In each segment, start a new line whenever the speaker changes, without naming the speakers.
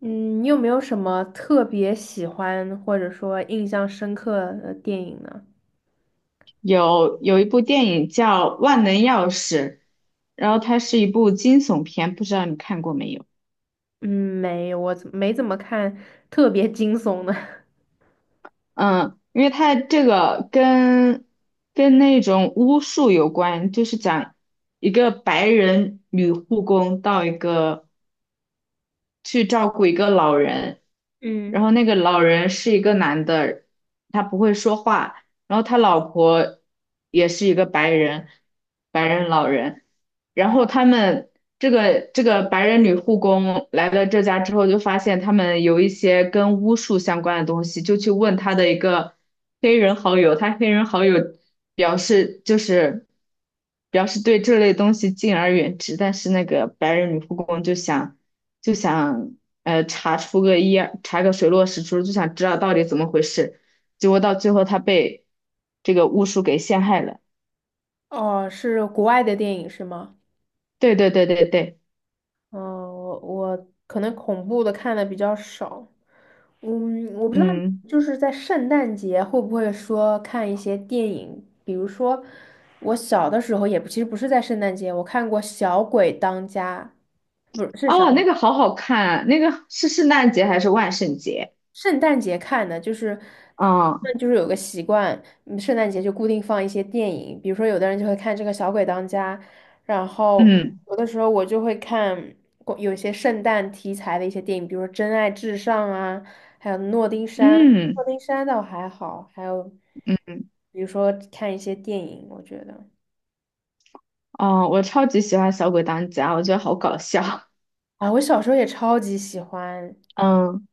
嗯，你有没有什么特别喜欢或者说印象深刻的电影呢？
有一部电影叫《万能钥匙》，然后它是一部惊悚片，不知道你看过没有？
嗯，没，有，我怎么看特别惊悚的。
嗯，因为它这个跟那种巫术有关，就是讲一个白人女护工到一个去照顾一个老人，然
嗯，
后那个老人是一个男的，他不会说话，然后他老婆也是一个白人，白人老人，然后他们这个白人女护工来了这家之后，就发现他们有一些跟巫术相关的东西，就去问他的一个黑人好友，他黑人好友表示就是表示对这类东西敬而远之，但是那个白人女护工就想。就想查出个一二，查个水落石出，就想知道到底怎么回事。结果到最后他被这个巫术给陷害了。
哦，是国外的电影是吗？
对对对对对，
哦，我可能恐怖的看的比较少。嗯，我不知道，
嗯，
就是在圣诞节会不会说看一些电影，比如说我小的时候也不，其实不是在圣诞节，我看过《小鬼当家》，不是，是小
哦，那个
鬼。
好好看啊，那个是圣诞节还是万圣节？
圣诞节看的，就是
嗯，
那就是有个习惯，嗯圣诞节就固定放一些电影，比如说有的人就会看这个《小鬼当家》，然后
嗯，
有的时候我就会看过有一些圣诞题材的一些电影，比如说《真爱至上》啊，还有《诺丁山》，
嗯，
《诺丁山》倒还好，还有比如说看一些电影，我觉得
哦，我超级喜欢《小鬼当家》，我觉得好搞笑。
啊，我小时候也超级喜欢，
嗯，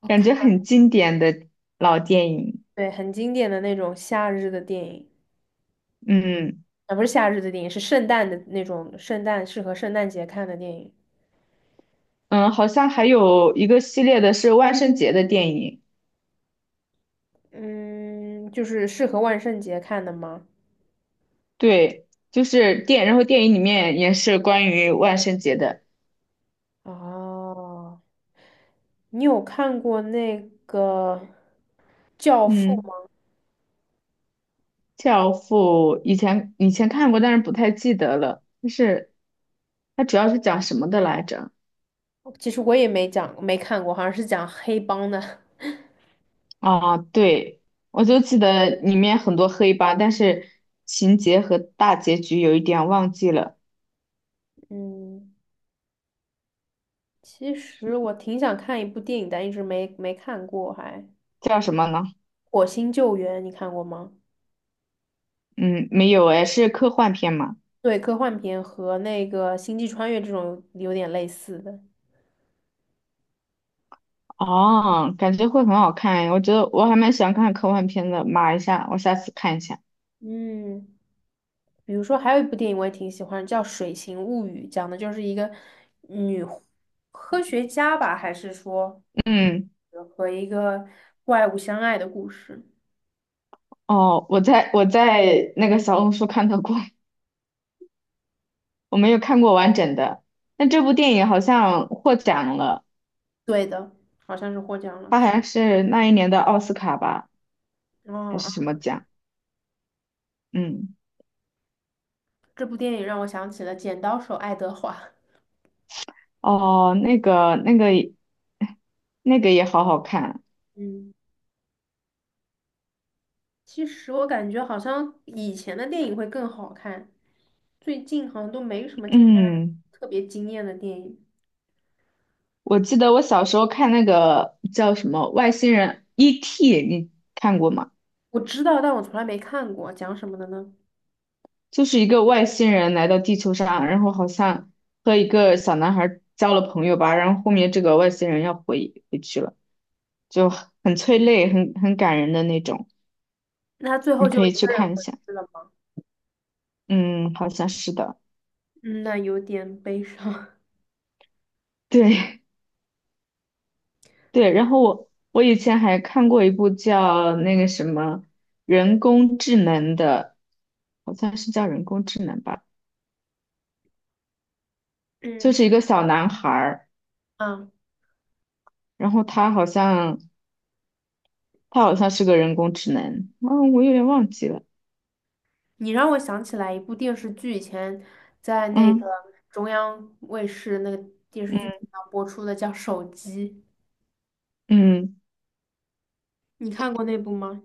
我
感
看，
觉很经典的老电影。
对，很经典的那种夏日的电影。
嗯，
啊，不是夏日的电影，是圣诞的那种，圣诞适合圣诞节看的电影。
嗯，好像还有一个系列的是万圣节的电影。
嗯，就是适合万圣节看的吗？
对，就是电，然后电影里面也是关于万圣节的。
哦，你有看过那个《教父》
嗯，
吗？
《教父》以前看过，但是不太记得了。就是它主要是讲什么的来着？
其实我也没讲，没看过，好像是讲黑帮的。
啊，对，我就记得里面很多黑帮，但是情节和大结局有一点忘记了。
嗯，其实我挺想看一部电影，但一直没看过还，
叫什么呢？
火星救援》你看过吗？
嗯，没有哎，是科幻片嘛？
对，科幻片和那个《星际穿越》这种有点类似的。
哦，感觉会很好看诶，我觉得我还蛮喜欢看科幻片的，码一下，我下次看一下。
嗯。比如说，还有一部电影我也挺喜欢，叫《水形物语》，讲的就是一个女科学家吧，还是说
嗯。
和一个怪物相爱的故事。
哦，我在那个小红书看到过，我没有看过完整的。但这部电影好像获奖了，
对的，好像是获奖了。
它好
挺
像是那一年的奥斯卡吧，还
哦啊，
是什么奖？嗯，
这部电影让我想起了《剪刀手爱德华》。
哦，那个那个也好好看。
嗯，其实我感觉好像以前的电影会更好看，最近好像都没什么惊艳，
嗯，
特别惊艳的电影。
我记得我小时候看那个叫什么外星人 E.T.,你看过吗？
我知道，但我从来没看过，讲什么的呢？
就是一个外星人来到地球上，然后好像和一个小男孩交了朋友吧，然后后面这个外星人要回去了，就很催泪，很感人的那种。
那他最后
你可
就一
以
个
去
人
看一
回
下。
去了吗？
嗯，好像是的。
嗯，那有点悲伤。
对 对。然后我以前还看过一部叫那个什么人工智能的，好像是叫人工智能吧。就
嗯
是一个小男孩儿，
啊，
然后他好像是个人工智能，我有点忘记了。
你让我想起来一部电视剧，以前在那个
嗯，
中央卫视那个电视
嗯，
剧频道播出的，叫《手机》，
嗯，
你看过那部吗？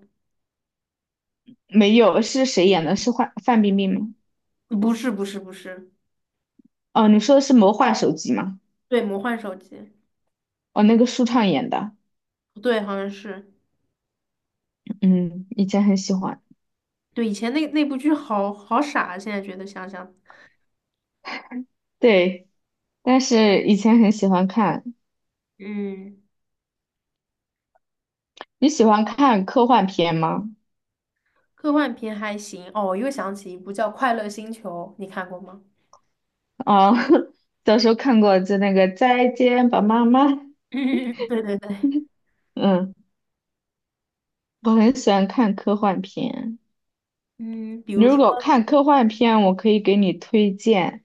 没有，是谁演的？是范冰冰吗？
不是，不是，不是，
哦，你说的是《魔幻手机》吗？
对，《魔幻手机》，
哦，那个舒畅演的。
对，好像是，
嗯，以前很喜欢。
对，以前那部剧好好傻，现在觉得想想，
对，但是以前很喜欢看。
嗯，
你喜欢看科幻片吗？
科幻片还行。哦，我又想起一部叫《快乐星球》，你看过吗？
哦，小时候看过，就那个《再见吧，妈妈》。
对对对，
嗯，我很喜欢看科幻片。
嗯，比
你
如
如
说
果看科幻片，我可以给你推荐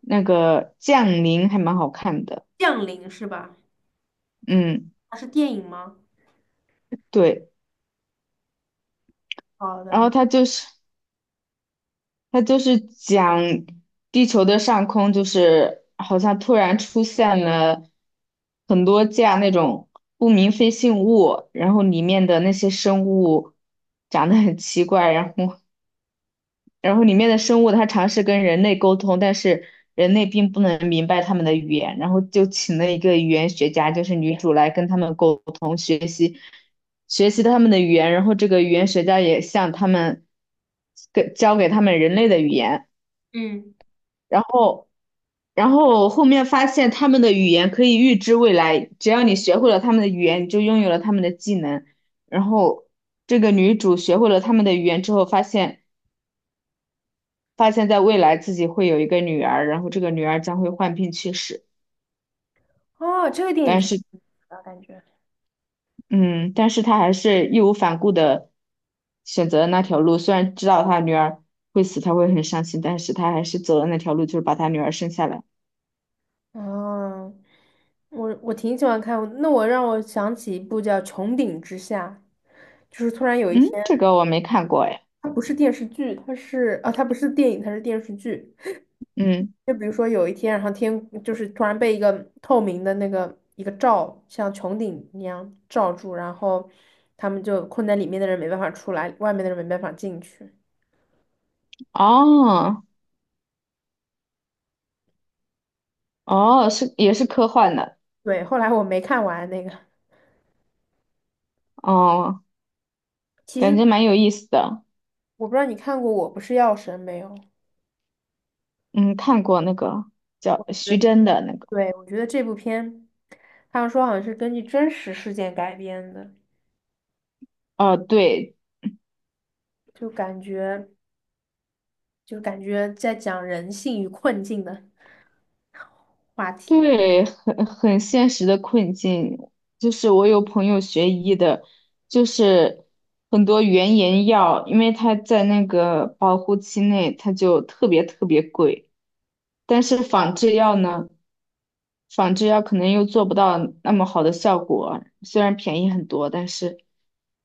那个《降临》，还蛮好看的。
《降临》是吧？
嗯，
它是电影吗？
对。
好的。
然后它就是。它就是讲地球的上空，就是好像突然出现了很多架那种不明飞行物，然后里面的那些生物长得很奇怪，然后里面的生物它尝试跟人类沟通，但是人类并不能明白他们的语言，然后就请了一个语言学家，就是女主来跟他们沟通，学习他们的语言，然后这个语言学家也向他们教给他们人类的语言。
嗯，
然后后面发现他们的语言可以预知未来，只要你学会了他们的语言，你就拥有了他们的技能。然后这个女主学会了他们的语言之后，发现在未来自己会有一个女儿，然后这个女儿将会患病去世。
哦，这个电影
但
挺
是，
好的感觉。
嗯，但是她还是义无反顾的选择了那条路，虽然知道她女儿会死，她会很伤心，但是她还是走了那条路，就是把她女儿生下来。
哦，我挺喜欢看，那我让我想起一部叫《穹顶之下》，就是突然有一
嗯，
天，
这个我没看过哎。
它不是电视剧，它是啊，它不是电影，它是电视剧。
嗯，
就比如说有一天，然后天就是突然被一个透明的那个一个罩，像穹顶一样罩住，然后他们就困在里面的人没办法出来，外面的人没办法进去。
哦。哦，是也是科幻的。
对，后来我没看完那个。
哦，
其
感
实。
觉蛮有意思的。
我不知道你看过《我不是药神》没有？
嗯，看过那个
我
叫
觉
徐
得，
峥的那个。
对，我觉得这部片，他们说好像是根据真实事件改编的，
哦，对，
就感觉就感觉在讲人性与困境的题。
对，很很现实的困境，就是我有朋友学医的，就是很多原研药，因为它在那个保护期内，它就特别特别贵，但是仿制药呢？仿制药可能又做不到那么好的效果，虽然便宜很多，但是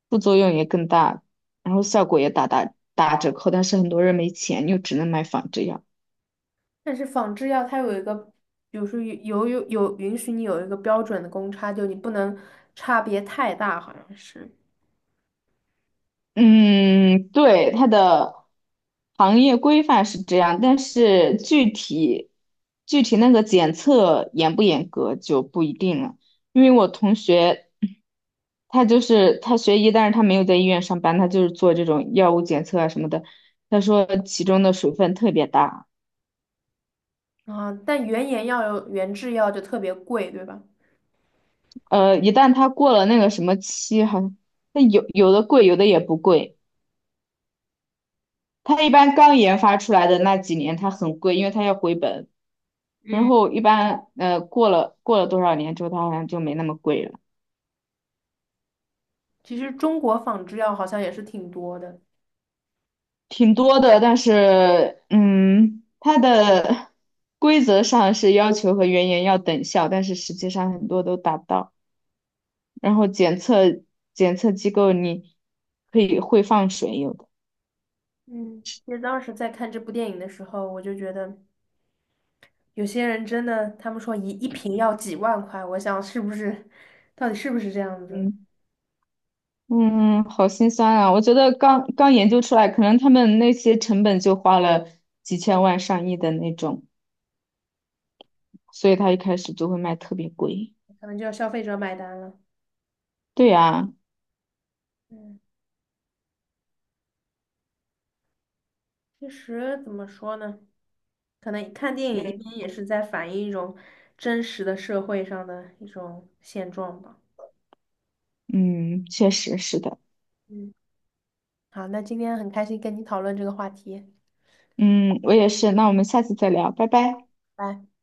副作用也更大，然后效果也打折扣，但是很多人没钱，又只能买仿制药。
但是仿制药它有一个，比如说有允许你有一个标准的公差，就你不能差别太大，好像是
嗯，对，它的行业规范是这样，但是具体那个检测严不严格就不一定了，因为我同学。他就是他学医，但是他没有在医院上班，他就是做这种药物检测啊什么的。他说其中的水分特别大。
啊。但原研药有原制药就特别贵，对吧？
一旦他过了那个什么期，好像那有有的贵，有的也不贵。他一般刚研发出来的那几年，他很贵，因为他要回本。然
嗯，
后一般过了多少年之后，他好像就没那么贵了。
其实中国仿制药好像也是挺多的。
挺多的。但是嗯，它的 规则上是要求和原研要等效，但是实际上很多都达不到。然后检测机构你可以会放水，有的。
嗯，其实当时在看这部电影的时候，我就觉得有些人真的，他们说一瓶要几万块，我想是不是，到底是不是这样子？
嗯，嗯，好心酸啊！我觉得刚刚研究出来，可能他们那些成本就花了几千万、上亿的那种，所以他一开始就会卖特别贵。
可能就要消费者买单了。
对呀，
嗯，其实怎么说呢？可能看电影一边也是在反映一种真实的社会上的一种现状吧。
嗯，确实是的。
嗯，好，那今天很开心跟你讨论这个话题。
嗯，我也是。那我们下次再聊，拜拜。
拜。